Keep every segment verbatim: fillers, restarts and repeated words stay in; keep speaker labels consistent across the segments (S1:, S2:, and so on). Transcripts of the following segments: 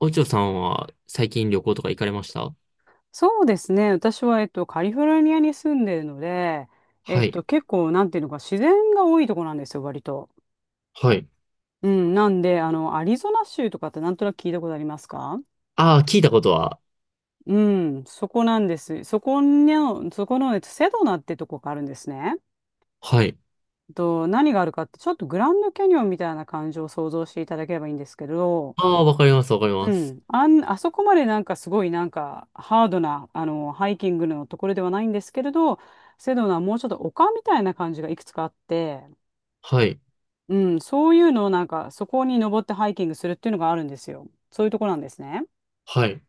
S1: おちょさんは最近旅行とか行かれました？
S2: そうですね。私は、えっと、カリフォルニアに住んでるので、え
S1: は
S2: っ
S1: い。
S2: と、結構、なんていうのか、自然が多いとこなんですよ、割と。
S1: はい。
S2: うん、なんで、あの、アリゾナ州とかってなんとなく聞いたことありますか？
S1: ああ、聞いたことは。
S2: うん、そこなんです。そこの、そこの、えっと、セドナってとこがあるんですね。
S1: はい。
S2: と、何があるかって、ちょっとグランドキャニオンみたいな感じを想像していただければいいんですけど、
S1: ああ、わかります、わかりま
S2: う
S1: す。
S2: ん、あん、あそこまでなんかすごいなんかハードなあのハイキングのところではないんですけれど、セドナはもうちょっと丘みたいな感じがいくつかあって、
S1: はい。
S2: うん、そういうのをなんかそこに登ってハイキングするっていうのがあるんですよ。そういうところなんですね。
S1: はい。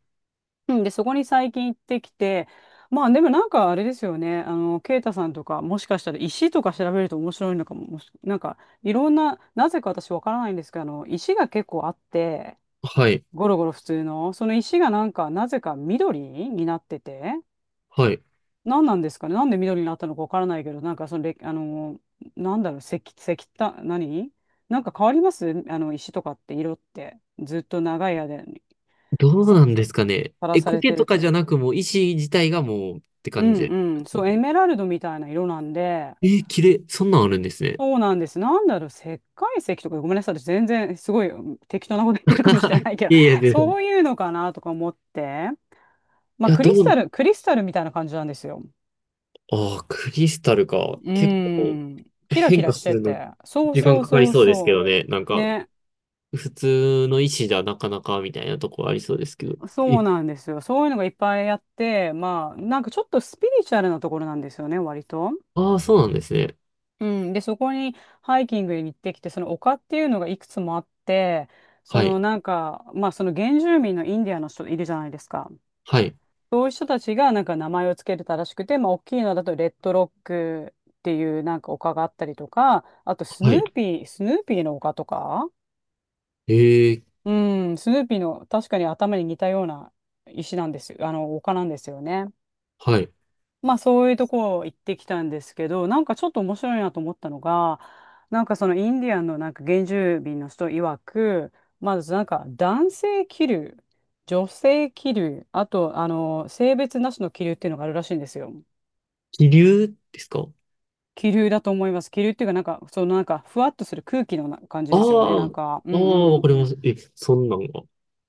S2: うん、で、そこに最近行ってきて、まあでもなんかあれですよね、あの、ケイタさんとかもしかしたら石とか調べると面白いのかも、もしなんかいろんな、なぜか私わからないんですけど、あの、石が結構あって、
S1: はい。
S2: ゴロゴロ普通の、その石がなんか、なぜか緑になってて、
S1: はい。
S2: 何なんですかね、なんで緑になったのかわからないけど、なんかそのれ、あの、なんだろう、石、石炭、何なんか変わりますあの、石とかって色って、ずっと長い間に
S1: どう
S2: さ、
S1: なんですかね。
S2: さら
S1: え、
S2: され
S1: 苔
S2: て
S1: と
S2: る
S1: かじゃ
S2: と。
S1: なく、もう石自体がもうって
S2: う
S1: 感じで
S2: んうん、
S1: す
S2: そ
S1: よ
S2: う、エ
S1: ね。
S2: メラルドみたいな色なんで、
S1: えー、綺麗。そんなんあるんですね。
S2: そうなんです。なんだろう、石灰石とか、ごめんなさい、私全然すごいうん適当なこと言ってるかもしれ ないけど、
S1: いやいや、全
S2: そう
S1: 然。
S2: いうのかなとか思って、
S1: い
S2: まあ、
S1: や、
S2: ク
S1: ど
S2: リスタ
S1: う、
S2: ル、クリスタルみたいな感じなんですよ。
S1: ああ、クリスタルか。
S2: う
S1: 結構
S2: ん。キラキ
S1: 変化
S2: ラし
S1: す
S2: て
S1: るの
S2: て。そう
S1: 時間
S2: そう
S1: かかり
S2: そう
S1: そうですけ
S2: そ
S1: どね。なん
S2: う。
S1: か、
S2: ね。
S1: 普通の石じゃなかなかみたいなとこありそうですけど。
S2: そ
S1: え、
S2: うなんですよ。そういうのがいっぱいあって、まあ、なんかちょっとスピリチュアルなところなんですよね、割と。
S1: ああ、そうなんですね。
S2: うん。で、そこにハイキングに行ってきて、その丘っていうのがいくつもあって、そ
S1: はい。
S2: のなんか、まあ、その原住民のインディアンの人いるじゃないですか。
S1: はい。
S2: そういう人たちがなんか名前をつけてたらしくて、まあ、大きいのだとレッドロックっていうなんか丘があったりとか、あとス
S1: は
S2: ヌ
S1: い。
S2: ーピー、スヌーピーの丘とか、
S1: ええ、
S2: うん、スヌーピーの確かに頭に似たような石なんですよ。あの、丘なんですよね。
S1: はい。
S2: まあそういうとこ行ってきたんですけど、なんかちょっと面白いなと思ったのが、なんかそのインディアンのなんか原住民の人曰く、まずなんか男性気流、女性気流、あとあの性別なしの気流っていうのがあるらしいんですよ。
S1: 気流ですか？
S2: 気流だと思います。気流っていうかなんかそのなんかふわっとする空気のな感じ
S1: あ
S2: ですよね。
S1: あ、
S2: なん
S1: あ
S2: か、うん
S1: あ、
S2: う
S1: わ
S2: ん。
S1: かります。え、そんなんが。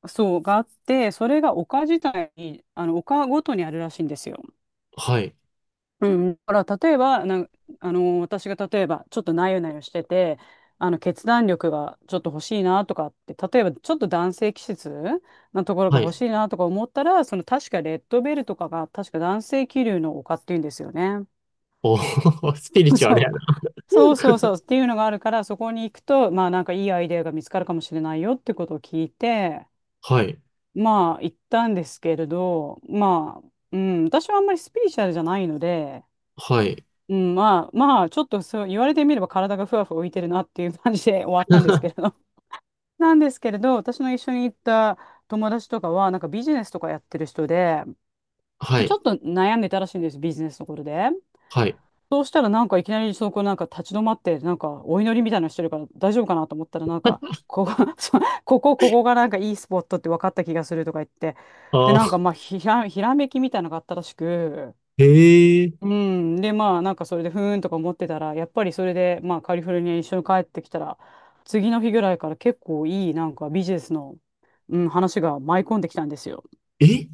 S2: そう、があって、それが丘自体に、あの、丘ごとにあるらしいんですよ。
S1: はい。
S2: うん。だから、例えば、なん、あの、私が例えば、ちょっとなよなよしてて、あの、決断力がちょっと欲しいなとかって、例えば、ちょっと男性気質なところが
S1: はい。
S2: 欲しいなとか思ったら、その、確かレッドベルとかが、確か男性気流の丘っていうんですよね。
S1: おー スピリ チュアル
S2: そ
S1: や
S2: う。
S1: な。
S2: そうそうそうっ ていうのがあるから、そこに行くと、まあ、なんかいいアイデアが見つかるかもしれないよってことを聞いて、
S1: はい。
S2: まあ、行ったんですけれど、まあ、うん、私はあんまりスピリチュアルじゃないので、
S1: はい。
S2: うん、まあ、まあ、ちょっとそう言われてみれば体がふわふわ浮いてるなっていう感じで終わったんですけれど。なんですけれど、私の一緒に行った友達とかは、なんかビジネスとかやってる人で、
S1: は
S2: ち
S1: い。
S2: ょっと悩んでたらしいんです、ビジネスのことで。
S1: はい。
S2: そうしたらなんかいきなりそこなんか立ち止まってなんかお祈りみたいなのしてるから大丈夫かなと思ったらなんかここ、そうここ、ここがなんかいいスポットって分かった気がするとか言って、で
S1: あ
S2: なんか
S1: あ、
S2: まあひら、ひらめきみたいなのがあったらしく、
S1: ええ、
S2: うんでまあなんかそれでふーんとか思ってたらやっぱりそれでまあカリフォルニアに一緒に帰ってきたら次の日ぐらいから結構いいなんかビジネスの、うん、話が舞い込んできたんですよ。
S1: え、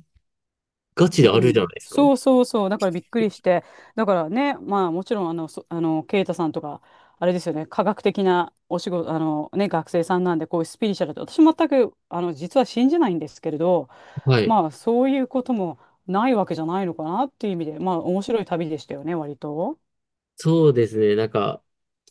S1: ガチ
S2: う
S1: であるじゃ
S2: ん、
S1: ないですか。
S2: そうそうそう、だからびっくりして、だからね、まあもちろんあの、そ、あの、ケイタさんとか、あれですよね、科学的なお仕事、あのね、学生さんなんで、こういうスピリチュアルって、私全く、あの、実は信じないんですけれど、
S1: はい。
S2: まあそういうこともないわけじゃないのかなっていう意味で、まあ面白い旅でしたよね、割と。
S1: そうですね。なんか、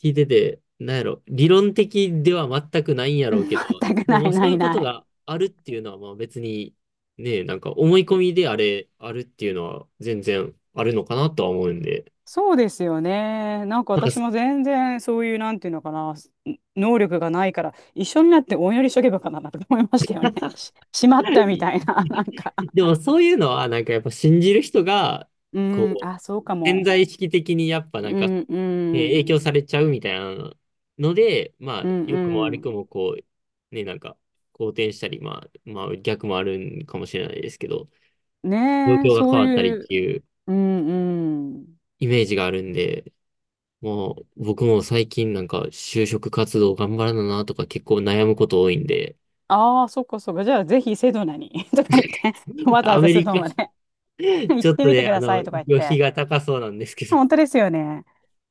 S1: 聞いてて、なんやろ、理論的では全くないんや
S2: う
S1: ろう
S2: ん、
S1: けど、
S2: 全く
S1: で
S2: な
S1: もまあ
S2: い
S1: そ
S2: な
S1: ういう
S2: い
S1: こと
S2: ない。
S1: があるっていうのは、まあ別に、ね、なんか思い込みであれ、あるっていうのは全然あるのかなとは思うんで。
S2: そうですよね。なんか
S1: なんか。
S2: 私も全然そういう、なんていうのかな、す能力がないから、一緒になってお祈りしとけばよかなとか思いましたよね。し、しまったみたいな、なんか。
S1: でもそういうのは、なんかやっぱ信じる人が、
S2: うん、
S1: こ
S2: あ、そう
S1: う、
S2: か
S1: 潜
S2: も。
S1: 在意識的にやっぱな
S2: う
S1: んか
S2: ん、う
S1: ね、影
S2: ん、
S1: 響されちゃうみたいなので、ま
S2: う
S1: あ、良くも
S2: ん、
S1: 悪
S2: う
S1: くも、こう、ね、なんか、好転したり、まあ、まあ、逆もあるんかもしれないですけど、
S2: ん。
S1: 状
S2: ねえ、
S1: 況が
S2: そ
S1: 変
S2: う
S1: わったりっ
S2: いう、
S1: ていう
S2: うん、うん。
S1: イメージがあるんで、もう、僕も最近なんか、就職活動頑張らななとか結構悩むこと多いんで、
S2: ああ、そっかそっか。じゃあ、ぜひセドナに とか言って、わざ
S1: ア
S2: わざ
S1: メ
S2: セ
S1: リ
S2: ドナ
S1: カ、
S2: まで 行っ
S1: ちょっ
S2: て
S1: と
S2: みて
S1: ね、
S2: く
S1: あ
S2: ださ
S1: の、
S2: いとか言っ
S1: 旅費
S2: て。
S1: が高そうなんですけど、
S2: 本当ですよね。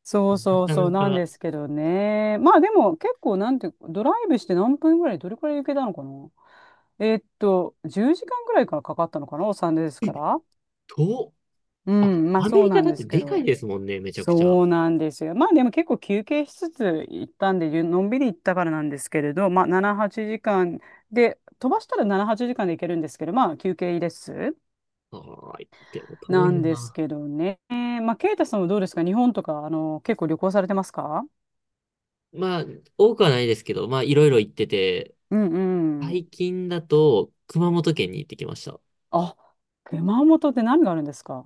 S2: そうそう
S1: なか
S2: そう
S1: な
S2: なん
S1: か、
S2: ですけどね。まあでも結構なんていうか、ドライブして何分ぐらい、どれくらい行けたのかな。えーっと、じゅうじかんぐらいからかかったのかな、お産ですから。
S1: 遠、
S2: う
S1: あ、
S2: ん、まあ
S1: アメ
S2: そう
S1: リカ
S2: なん
S1: だっ
S2: で
S1: て
S2: すけ
S1: でかい
S2: ど。
S1: ですもんね、めちゃくちゃ。あ
S2: そうなんですよ。まあでも結構休憩しつつ行ったんで、ゆのんびり行ったからなんですけれど、まあなな、はちじかんで、飛ばしたらなな、はちじかんで行けるんですけど、まあ休憩です。
S1: あ、でも遠
S2: な
S1: い
S2: んです
S1: な。
S2: けどね。まあ、ケイタさんはどうですか、日本とか、あの、結構旅行されてますか？
S1: まあ、多くはないですけど、まあ、いろいろ行ってて、
S2: うんう
S1: 最
S2: ん。
S1: 近だと、熊本県に行ってきました。
S2: あ、熊本って何があるんですか？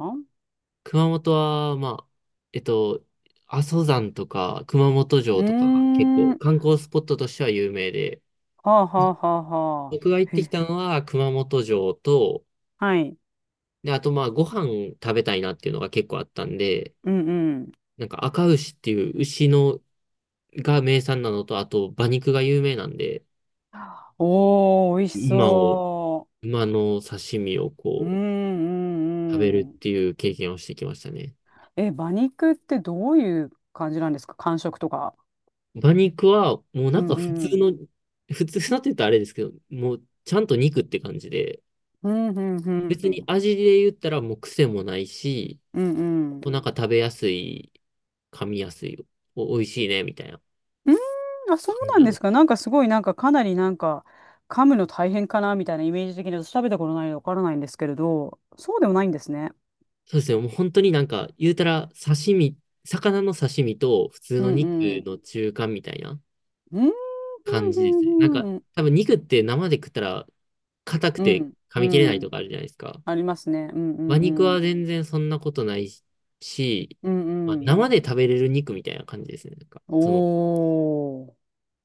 S1: 熊本は、まあ、えっと、阿蘇山とか、熊本
S2: う
S1: 城
S2: ー
S1: とかが結
S2: ん。
S1: 構
S2: は
S1: 観光スポットとしては有名で、
S2: あはあはあは
S1: 僕が行っ
S2: あ。
S1: てき
S2: へ、
S1: たのは熊本城と、
S2: はい。
S1: で、あとまあ、ご飯食べたいなっていうのが結構あったんで、
S2: うんうん。
S1: なんか赤牛っていう牛のが名産なのと、あと馬肉が有名なんで、
S2: おー、美味し
S1: 馬を、
S2: そ
S1: 馬の刺身を
S2: う。うん
S1: こ
S2: う
S1: う、食べ
S2: んう
S1: る
S2: ん。
S1: っていう経験をしてきましたね。
S2: え、馬肉ってどういう感じなんですか、感触とか。
S1: 馬肉は、もうな
S2: う
S1: ん
S2: ん
S1: か普通
S2: うん。
S1: の、普通なって言ったらあれですけど、もうちゃんと肉って感じで、
S2: うんうん
S1: 別
S2: う
S1: に
S2: ん。
S1: 味で言ったらもう癖もないし、
S2: うんうん。う
S1: なんか食べやすい、噛みやすい、お、美味しいね、みたいな
S2: ーん、あ、そう
S1: 感じ
S2: なん
S1: なん
S2: で
S1: で
S2: す
S1: す。
S2: か。なんかすごい、なんかかなりなんか、噛むの大変かなみたいなイメージ的に私食べたことないのでわからないんですけれど、そうでもないんですね。
S1: そうですね、もう本当になんか、言うたら刺身、魚の刺身と普通
S2: う
S1: の
S2: ん
S1: 肉
S2: うん。
S1: の中間みたいな
S2: うんうん
S1: 感
S2: う
S1: じですね。なん
S2: ん
S1: か、
S2: うん
S1: 多分肉って生で食ったら硬く
S2: う
S1: て
S2: ん。
S1: 噛
S2: う
S1: み切れないと
S2: ん
S1: かあるじゃないですか。
S2: ありますね。うんう
S1: 馬肉
S2: んうん。
S1: は全然そんなことないし、
S2: うん
S1: まあ、
S2: う
S1: 生
S2: ん。
S1: で食べれる肉みたいな感じですね。なんか、その、
S2: お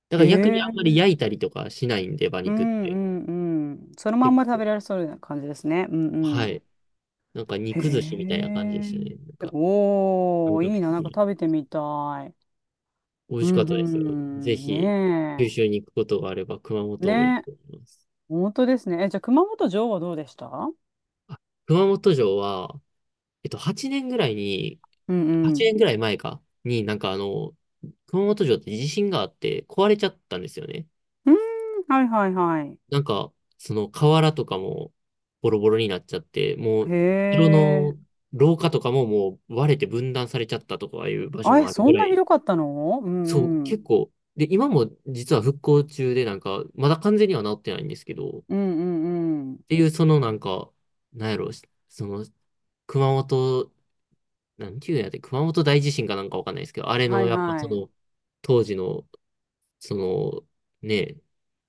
S1: だ
S2: ー。
S1: から逆にあんま
S2: ええ、
S1: り焼いたりとかしないんで、馬
S2: う
S1: 肉っ
S2: ん
S1: て。
S2: うんうん。そのまん
S1: 結
S2: ま食
S1: 構
S2: べられそうな感じですね。うんう
S1: は
S2: ん。
S1: い。なんか
S2: へ
S1: 肉寿司みたいな感じで
S2: え。
S1: したね。なんか、感
S2: おー、
S1: 覚
S2: いいな。
S1: 的
S2: なんか
S1: に。
S2: 食べてみたい。
S1: 美味
S2: う
S1: しかっ
S2: ん
S1: た
S2: う
S1: ですよ。ぜ
S2: ん。
S1: ひ、九
S2: ね
S1: 州に行くことがあれば、熊
S2: え。
S1: 本もいい
S2: ねえ。
S1: と思います。
S2: 本当ですね。え、じゃあ熊本城はどうでした？うん
S1: あ、熊本城は、えっと、はちねんぐらいに、
S2: う
S1: 8
S2: ん。
S1: 年ぐらい前か、になんかあの、熊本城って地震があって壊れちゃったんですよね。
S2: うん。はいはいはい。
S1: なんか、その瓦とかもボロボロになっちゃって、も
S2: へ
S1: う、城の
S2: え。
S1: 廊下とかももう割れて分断されちゃったとかいう場所
S2: あ、
S1: も
S2: え、
S1: ある
S2: そ
S1: ぐ
S2: ん
S1: ら
S2: なひ
S1: い、
S2: どかったの？う
S1: そう、
S2: んうん。
S1: 結構、で、今も実は復興中で、なんか、まだ完全には治ってないんですけど、っ
S2: うんうんうん。
S1: ていう、そのなんか、なんやろ、その、熊本、なんていうんやって、熊本大地震かなんかわかんないですけど、あれ
S2: は
S1: の、
S2: い
S1: やっぱ
S2: は
S1: そ
S2: い。
S1: の、当時の、その、ね、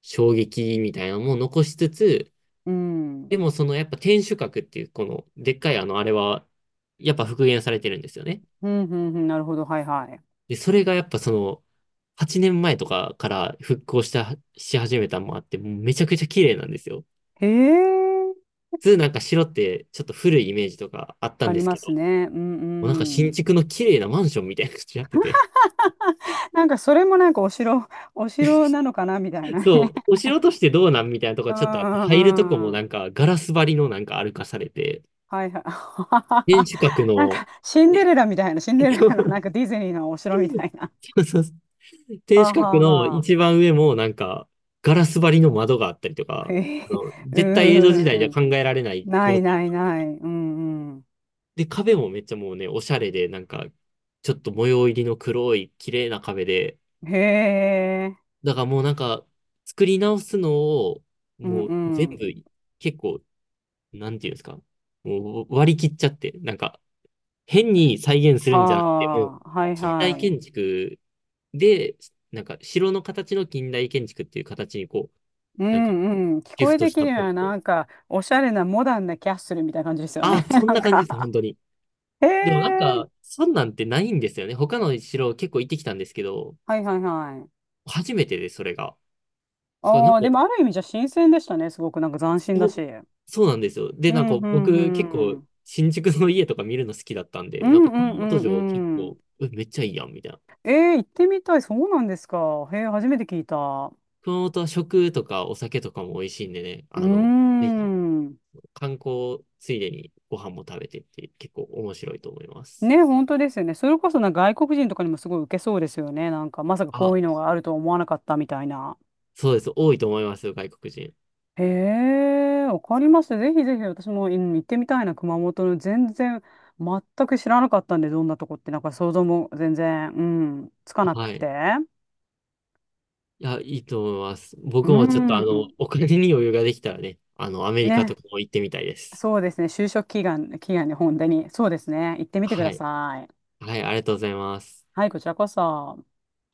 S1: 衝撃みたいなのも残しつつ、
S2: うん。う
S1: で
S2: ん
S1: もそのやっぱ天守閣っていうこのでっかいあのあれはやっぱ復元されてるんですよね。
S2: うんうん。なるほど。はいは
S1: で、それがやっぱそのはちねんまえとかから復興したし始めたのもあってもうめちゃくちゃ綺麗なんですよ。
S2: い。へえ。
S1: 普通なんか城ってちょっと古いイメージとかあったん
S2: あ
S1: で
S2: り
S1: す
S2: ま
S1: けど、
S2: す
S1: も
S2: ね。うん
S1: うなんか新
S2: うん。
S1: 築の綺麗なマンションみたいな感じになってて、
S2: なんかそれもなんかお城、お城なのかなみたいな ね。
S1: そう、お城としてどうなんみたいなとこ
S2: う
S1: ちょっとあって、
S2: んう
S1: 入るとこも
S2: んう
S1: な
S2: ん。
S1: んかガラス張りのなんか歩かされて、
S2: はいはい。
S1: 天守閣
S2: なん
S1: の、
S2: かシンデレラみたいな、シンデ レ
S1: そ
S2: ラのなん
S1: う
S2: かディズニーのお城みたいな。
S1: そうそう 天
S2: は
S1: 守
S2: あは
S1: 閣
S2: あ
S1: の
S2: は
S1: 一番上もなんか、ガラス張りの窓があったりと
S2: あ。
S1: か、
S2: へえ。
S1: あの絶対江戸時
S2: う
S1: 代じゃ
S2: ん。
S1: 考えられない
S2: な
S1: 構
S2: い
S1: 造。
S2: ないない。うんう
S1: で、壁もめっちゃもうね、おしゃれで、なんか、ちょっと模様入りの黒い綺麗な壁で、
S2: ん。へえ。
S1: だからもうなんか、作り直すのを、
S2: うん
S1: もう
S2: う
S1: 全部、
S2: ん。
S1: 結構、なんていうんですか、もう割り切っちゃって、なんか、変に再現するんじゃなくて、もう、
S2: はあ、はい
S1: 近
S2: は
S1: 代
S2: い。
S1: 建築で、なんか、城の形の近代建築っていう形にこう、
S2: う
S1: なんか、
S2: んうん。聞
S1: ギ
S2: こ
S1: フ
S2: え
S1: ト
S2: て
S1: し
S2: き
S1: たっ
S2: るの
S1: ぽ
S2: は
S1: くて。
S2: なんか、おしゃれなモダンなキャッスルみたいな感じですよ
S1: あ
S2: ね。
S1: あ、そ ん
S2: なん
S1: な感じで
S2: か。
S1: す、本当に。
S2: へ
S1: でもなん
S2: え。
S1: か、そんなんてないんですよね。他の城結構行ってきたんですけど、
S2: はいはいはい。
S1: 初めてです、それが。だからなん
S2: あ
S1: か、
S2: あ、でもある意味じゃ新鮮でしたね。すごくなんか斬新だ
S1: そう、
S2: し。う
S1: そうなんですよ。で、
S2: ん
S1: なんか
S2: うん
S1: 僕結
S2: う
S1: 構、
S2: ん。
S1: 新宿の家とか見るの好きだったん
S2: う
S1: で、なん
S2: ん
S1: か
S2: うん
S1: 熊
S2: う
S1: 本
S2: ん
S1: 城結
S2: うん。
S1: 構、えめっちゃいいやん、みたいな。
S2: えー、行ってみたい。そうなんですか。へえ、初めて聞いた。
S1: 熊本は食とかお酒とかも美味しいんでね、
S2: うー
S1: あの、ぜひ
S2: ん。
S1: 観光ついでにご飯も食べてって結構面白いと思います。
S2: ね、本当ですよね。それこそな外国人とかにもすごい受けそうですよね。なんか、まさかこういう
S1: あ、
S2: のがあるとは思わなかったみたいな。
S1: そうです。多いと思いますよ、外国人。
S2: へえ、わかりました。ぜひぜひ私も、うん、行ってみたいな、熊本の全然、全く知らなかったんで、どんなとこって、なんか想像も全然、うん、つかなく
S1: はい。
S2: て。
S1: いや、いいと思います。
S2: う
S1: 僕もちょっとあ
S2: んん、
S1: の、お金に余裕ができたらね、あの、アメリカと
S2: ね、
S1: かも行ってみたいです。
S2: そうですね、就職祈願、祈願に本当に、そうですね、行ってみてく
S1: は
S2: だ
S1: い。
S2: さい。
S1: はい、ありがとうございます。
S2: はい、こちらこそ。